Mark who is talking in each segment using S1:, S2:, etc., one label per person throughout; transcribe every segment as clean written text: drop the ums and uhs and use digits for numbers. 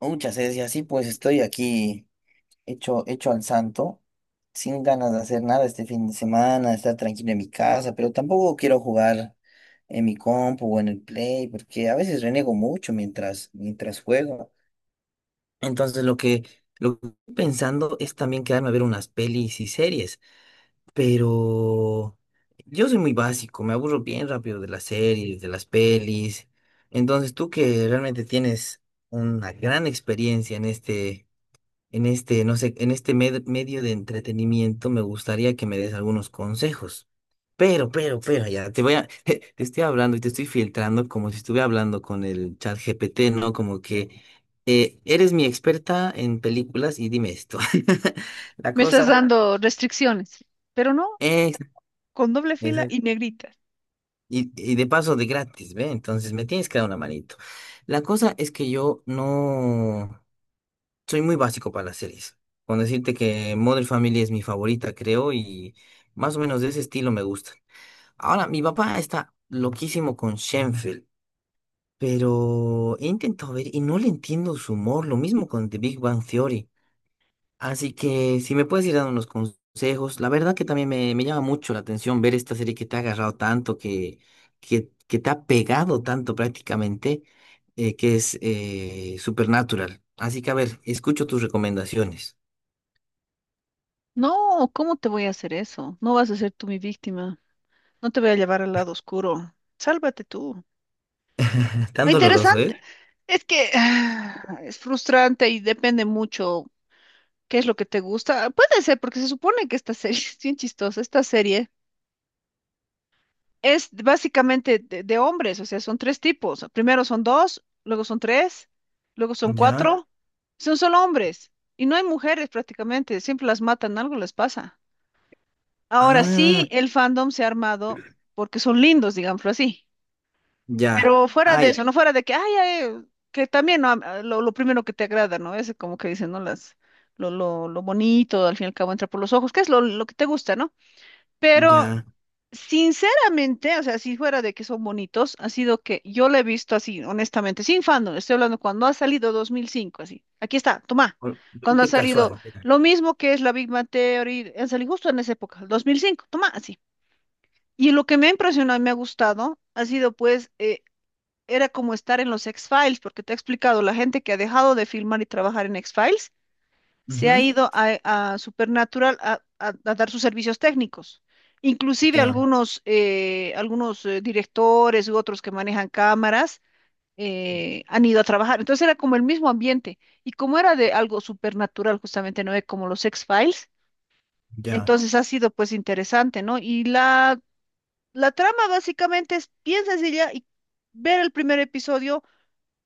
S1: Muchas veces y así pues estoy aquí hecho, hecho al santo, sin ganas de hacer nada este fin de semana, estar tranquilo en mi casa, pero tampoco quiero jugar en mi compu o en el play, porque a veces renego mucho mientras juego. Entonces lo que, lo que estoy pensando es también quedarme a ver unas pelis y series, pero yo soy muy básico, me aburro bien rápido de las series, de las pelis. Entonces tú que realmente tienes una gran experiencia en este no sé, en este medio de entretenimiento me gustaría que me des algunos consejos. Pero, ya, te estoy hablando y te estoy filtrando como si estuviera hablando con el chat GPT, ¿no? Como que eres mi experta en películas y dime esto. La
S2: Me estás
S1: cosa
S2: dando restricciones, pero no,
S1: es,
S2: con doble fila
S1: exacto,
S2: y negrita.
S1: y de paso de gratis, ¿ve? Entonces me tienes que dar una manito. La cosa es que yo no. Soy muy básico para las series. Con decirte que Modern Family es mi favorita, creo, y más o menos de ese estilo me gustan. Ahora, mi papá está loquísimo con Shenfield, pero he intentado ver y no le entiendo su humor, lo mismo con The Big Bang Theory. Así que si me puedes ir dando unos consejos, la verdad que también me llama mucho la atención ver esta serie que te ha agarrado tanto, que te ha pegado tanto prácticamente, que es Supernatural. Así que a ver, escucho tus recomendaciones.
S2: No, ¿cómo te voy a hacer eso? No vas a ser tú mi víctima. No te voy a llevar al lado oscuro. Sálvate tú.
S1: Tan doloroso, ¿eh?
S2: Interesante. Es que es frustrante y depende mucho qué es lo que te gusta. Puede ser, porque se supone que esta serie es bien chistosa. Esta serie es básicamente de hombres, o sea, son tres tipos. Primero son dos, luego son tres, luego son
S1: Ya.
S2: cuatro. Son solo hombres. Y no hay mujeres prácticamente, siempre las matan, algo les pasa. Ahora
S1: Ah,
S2: sí, el fandom se ha armado porque son lindos, digámoslo así.
S1: ya.
S2: Pero fuera
S1: Ah,
S2: de
S1: ya.
S2: eso, no fuera de que, ay, ay, que también, ¿no? Ah, lo primero que te agrada, ¿no? Es como que dicen, ¿no? Las, lo bonito, al fin y al cabo entra por los ojos, que es lo que te gusta, ¿no? Pero
S1: Ya.
S2: sinceramente, o sea, si fuera de que son bonitos, ha sido que yo lo he visto así, honestamente, sin fandom. Estoy hablando cuando ha salido 2005, así. Aquí está, toma.
S1: O-
S2: Cuando ha
S1: viste Casual.
S2: salido
S1: Era.
S2: lo mismo que es la Big Bang Theory, han salido justo en esa época, el 2005. Toma, así. Y lo que me ha impresionado y me ha gustado ha sido pues, era como estar en los X-Files, porque te he explicado, la gente que ha dejado de filmar y trabajar en X-Files se ha
S1: Ujú.
S2: ido a Supernatural a dar sus servicios técnicos. Inclusive
S1: Ya,
S2: algunos, algunos directores u otros que manejan cámaras han ido a trabajar. Entonces era como el mismo ambiente. Y como era de algo supernatural, justamente, ¿no? Como los X-Files,
S1: ya,
S2: entonces ha sido pues interesante, ¿no? Y la trama básicamente es bien sencilla y ver el primer episodio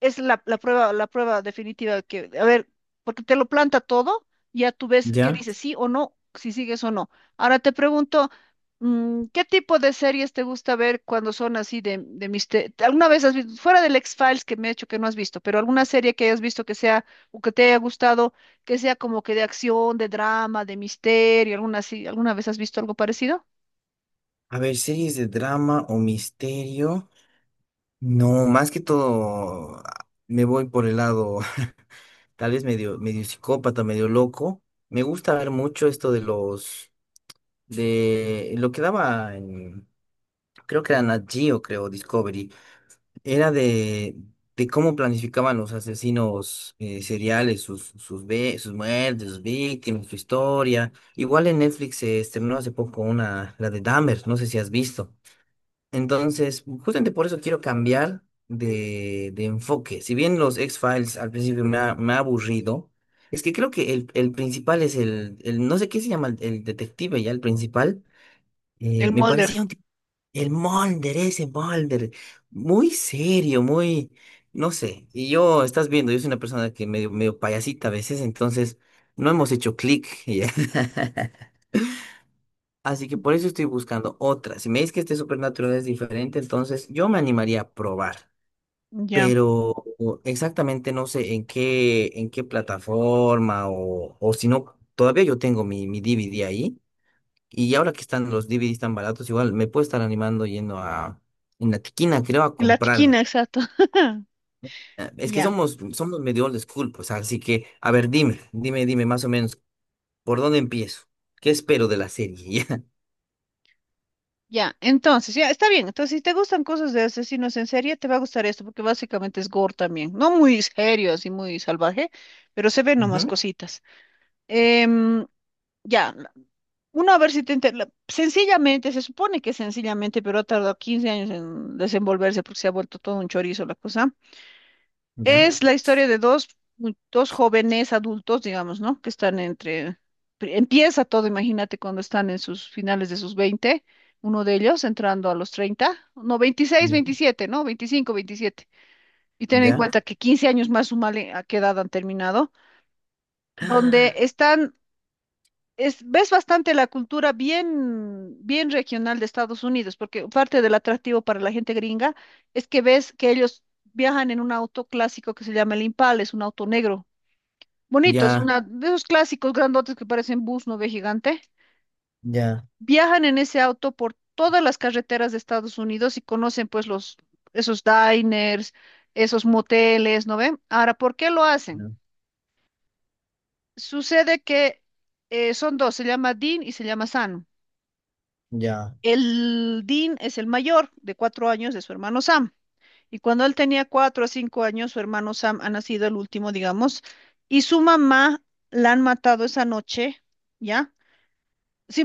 S2: es la prueba, la prueba definitiva que, a ver, porque te lo planta todo, ya tú ves qué
S1: ya.
S2: dice sí o no, si sigues o no. Ahora te pregunto, ¿qué tipo de series te gusta ver cuando son así de misterio? ¿Alguna vez has visto, fuera del X-Files que me he hecho que no has visto, pero alguna serie que hayas visto que sea, o que te haya gustado, que sea como que de acción, de drama, de misterio, alguna así, alguna vez has visto algo parecido?
S1: A ver, series de drama o misterio. No, más que todo ah, me voy por el lado, tal vez medio psicópata, medio loco. Me gusta ver mucho esto de los, de lo que daba en, creo que era Nat Geo, creo, Discovery. Era de, de cómo planificaban los asesinos seriales, sus muertes, sus víctimas, su historia. Igual en Netflix se estrenó hace poco una, la de Dahmer, no sé si has visto. Entonces, justamente por eso quiero cambiar de enfoque. Si bien los X-Files al principio me ha aburrido, es que creo que el principal es no sé qué se llama, el detective ya, el principal.
S2: El
S1: Me
S2: Mulder,
S1: parecía un tipo el Mulder, ese Mulder, muy serio, muy, no sé. Y yo, estás viendo, yo soy una persona que medio payasita a veces, entonces no hemos hecho clic. Así que por eso estoy buscando otra. Si me dices que este Supernatural es diferente, entonces yo me animaría a probar.
S2: ya.
S1: Pero o, exactamente no sé en qué plataforma o si no, todavía yo tengo mi DVD ahí. Y ahora que están los DVDs tan baratos, igual me puedo estar animando yendo a en la tiquina, creo, a
S2: La
S1: comprarme.
S2: tiquina, exacto.
S1: Es que
S2: Ya.
S1: somos medio old school, pues, así que, a ver, dime, más o menos, ¿por dónde empiezo? ¿Qué espero de la serie?
S2: Ya, entonces, ya, está bien. Entonces, si te gustan cosas de asesinos en serie, te va a gustar esto, porque básicamente es gore también. No muy serio, así muy salvaje, pero se ven nomás cositas. Em, ya, uno a ver si te... Sencillamente, se supone que sencillamente, pero ha tardado 15 años en desenvolverse porque se ha vuelto todo un chorizo la cosa.
S1: Ya,
S2: Es la historia de dos, dos jóvenes adultos, digamos, ¿no? Que están entre... Empieza todo, imagínate, cuando están en sus finales de sus 20, uno de ellos entrando a los 30, no, veintiséis,
S1: ujú,
S2: veintisiete, ¿no? 25, 27. Y
S1: ya,
S2: ten en
S1: ya, ya.
S2: cuenta que 15 años más, sumale a qué edad han terminado, donde
S1: Ah,
S2: están... Es, ves bastante la cultura bien, bien regional de Estados Unidos, porque parte del atractivo para la gente gringa es que ves que ellos viajan en un auto clásico que se llama el Impala, es un auto negro bonito, es
S1: ya,
S2: una de esos clásicos grandotes que parecen bus, ¿no ve gigante?
S1: ya,
S2: Viajan en ese auto por todas las carreteras de Estados Unidos y conocen pues los esos diners, esos moteles, ¿no ven? Ahora, ¿por qué lo hacen?
S1: ya,
S2: Sucede que son dos, se llama Dean y se llama Sam.
S1: ya,
S2: El Dean es el mayor de 4 años de su hermano Sam. Y cuando él tenía 4 o 5 años, su hermano Sam ha nacido el último, digamos, y su mamá la han matado esa noche, ¿ya?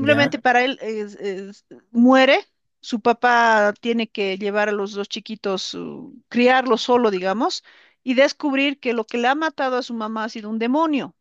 S1: ya.
S2: para él muere, su papá tiene que llevar a los dos chiquitos, criarlos solo, digamos, y descubrir que lo que le ha matado a su mamá ha sido un demonio.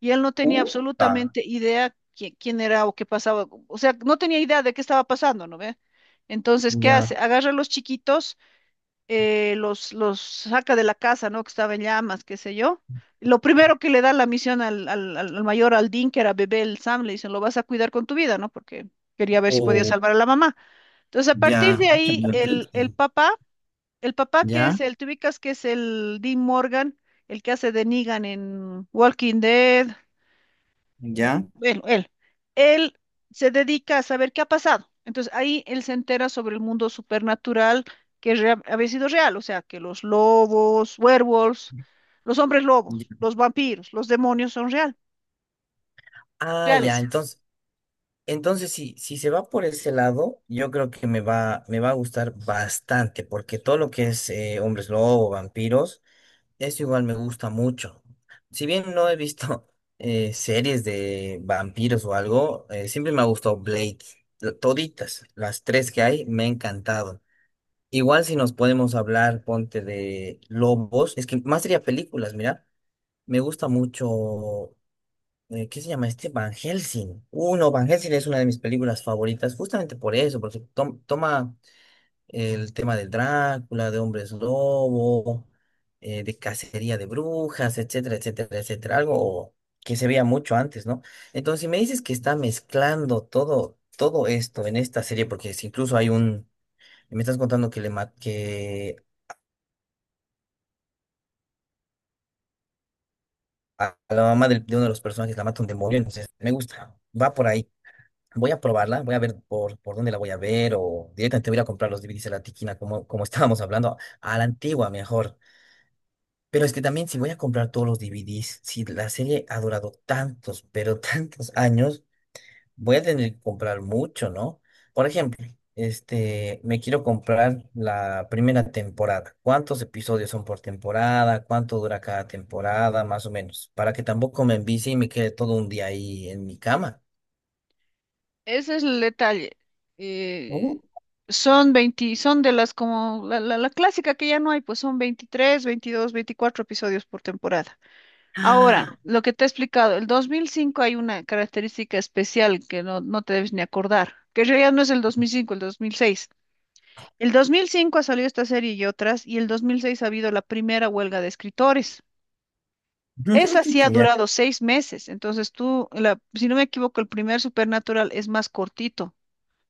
S2: Y él no tenía
S1: Puta.
S2: absolutamente idea quién era o qué pasaba, o sea, no tenía idea de qué estaba pasando, ¿no ve? Entonces, ¿qué
S1: Ya.
S2: hace? Agarra a los chiquitos, los saca de la casa, ¿no? Que estaba en llamas, qué sé yo. Lo primero que le da la misión al mayor, al Dean, que era bebé, el Sam, le dicen, lo vas a cuidar con tu vida, ¿no? Porque quería ver si podía
S1: Oh.
S2: salvar a la mamá. Entonces, a partir
S1: Ya,
S2: de
S1: pucha,
S2: ahí,
S1: me atreviste.
S2: el papá que
S1: Ya,
S2: es el, te ubicas que es el Dean Morgan, el que hace de Negan en Walking Dead,
S1: ya,
S2: bueno, él se dedica a saber qué ha pasado. Entonces ahí él se entera sobre el mundo supernatural que había sido real, o sea, que los lobos, werewolves, los hombres lobos,
S1: ya.
S2: los vampiros, los demonios son
S1: Ah, ya,
S2: reales.
S1: entonces. Entonces, si, si se va por ese lado, yo creo que me va a gustar bastante, porque todo lo que es hombres lobo, vampiros, eso igual me gusta mucho. Si bien no he visto series de vampiros o algo, siempre me ha gustado Blade, toditas, las tres que hay, me ha encantado. Igual si nos podemos hablar, ponte de lobos, es que más sería películas, mira, me gusta mucho ¿qué se llama este? Van Helsing. Uno, Van Helsing es una de mis películas favoritas, justamente por eso, porque toma el tema del Drácula, de hombres lobo, de cacería de brujas, etcétera, etcétera, etcétera. Algo que se veía mucho antes, ¿no? Entonces, si me dices que está mezclando todo esto en esta serie, porque si incluso hay un. Me estás contando que a la mamá de uno de los personajes la mata un demonio, entonces me gusta. Va por ahí. Voy a probarla, voy a ver por dónde la voy a ver o directamente voy a ir a comprar los DVDs a la tiquina, como estábamos hablando, a la antigua mejor. Pero es que también si voy a comprar todos los DVDs, si la serie ha durado tantos, pero tantos años, voy a tener que comprar mucho, ¿no? Por ejemplo, este, me quiero comprar la primera temporada. ¿Cuántos episodios son por temporada? ¿Cuánto dura cada temporada? Más o menos, para que tampoco me envicie y me quede todo un día ahí en mi cama.
S2: Ese es el detalle.
S1: Uh.
S2: Eh, Son 20, son de las como la clásica que ya no hay, pues son 23, 22, 24 episodios por temporada. Ahora, lo que te he explicado, el 2005 hay una característica especial que no, no te debes ni acordar, que en realidad no es el 2005, el 2006. El 2005 ha salido esta serie y otras, y el 2006 ha habido la primera huelga de escritores. Esa sí ha
S1: Ya.
S2: durado 6 meses, entonces tú, si no me equivoco, el primer Supernatural es más cortito,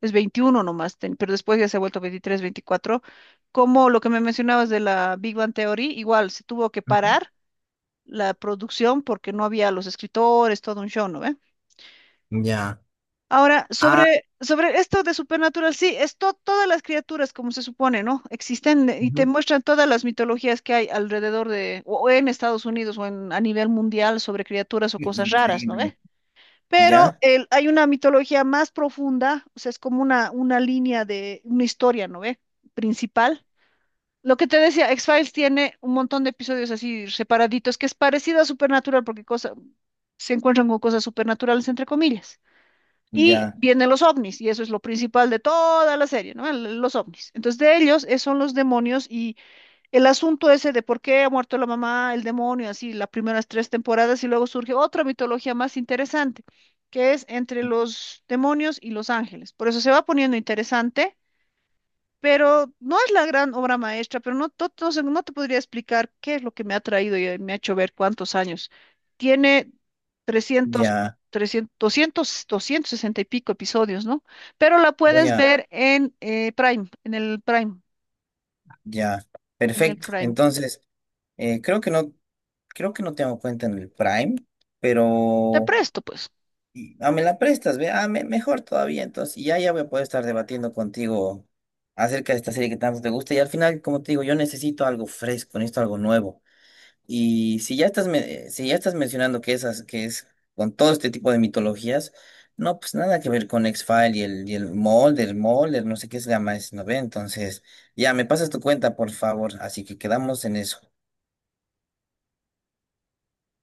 S2: es 21 nomás, pero después ya se ha vuelto 23, 24. Como lo que me mencionabas de la Big Bang Theory, igual se tuvo que parar la producción porque no había los escritores, todo un show, ¿no ve?
S1: Ya.
S2: Ahora,
S1: Ah,
S2: sobre esto de Supernatural, sí, es todas las criaturas, como se supone, ¿no? Existen, y te
S1: ujú,
S2: muestran todas las mitologías que hay alrededor de, o en Estados Unidos o en, a nivel mundial sobre criaturas o cosas raras, ¿no
S1: increíble.
S2: ve? Pero
S1: Ya,
S2: hay una mitología más profunda, o sea, es como una línea de, una historia, ¿no ve? Principal lo que te decía, X-Files tiene un montón de episodios así separaditos, que es parecido a Supernatural, porque cosa, se encuentran con cosas supernaturales, entre comillas. Y
S1: ya,
S2: vienen los ovnis, y eso es lo principal de toda la serie, ¿no? Los ovnis. Entonces, de ellos son los demonios y el asunto ese de por qué ha muerto la mamá, el demonio, así, las primeras tres temporadas, y luego surge otra mitología más interesante, que es entre los demonios y los ángeles. Por eso se va poniendo interesante, pero no es la gran obra maestra, pero no, no sé, no te podría explicar qué es lo que me ha traído y me ha hecho ver cuántos años. Tiene trescientos
S1: ya.
S2: trescientos doscientos 260 y pico episodios, ¿no? Pero la
S1: Voy
S2: puedes
S1: a,
S2: ver en Prime, en el Prime,
S1: ya.
S2: en el
S1: Perfecto.
S2: Prime.
S1: Entonces, eh, creo que no, creo que no tengo cuenta en el Prime,
S2: Te
S1: pero
S2: presto, pues.
S1: ah, me la prestas, ve. Ah, mejor todavía. Entonces, y ya, ya voy a poder estar debatiendo contigo acerca de esta serie que tanto te gusta. Y al final, como te digo, yo necesito algo fresco, necesito algo nuevo. Y si ya estás, si ya estás mencionando que esas, que es con todo este tipo de mitologías, no, pues nada que ver con X-File y y el Mulder, Mulder, no sé qué es Gamma S9. Entonces, ya me pasas tu cuenta, por favor. Así que quedamos en eso.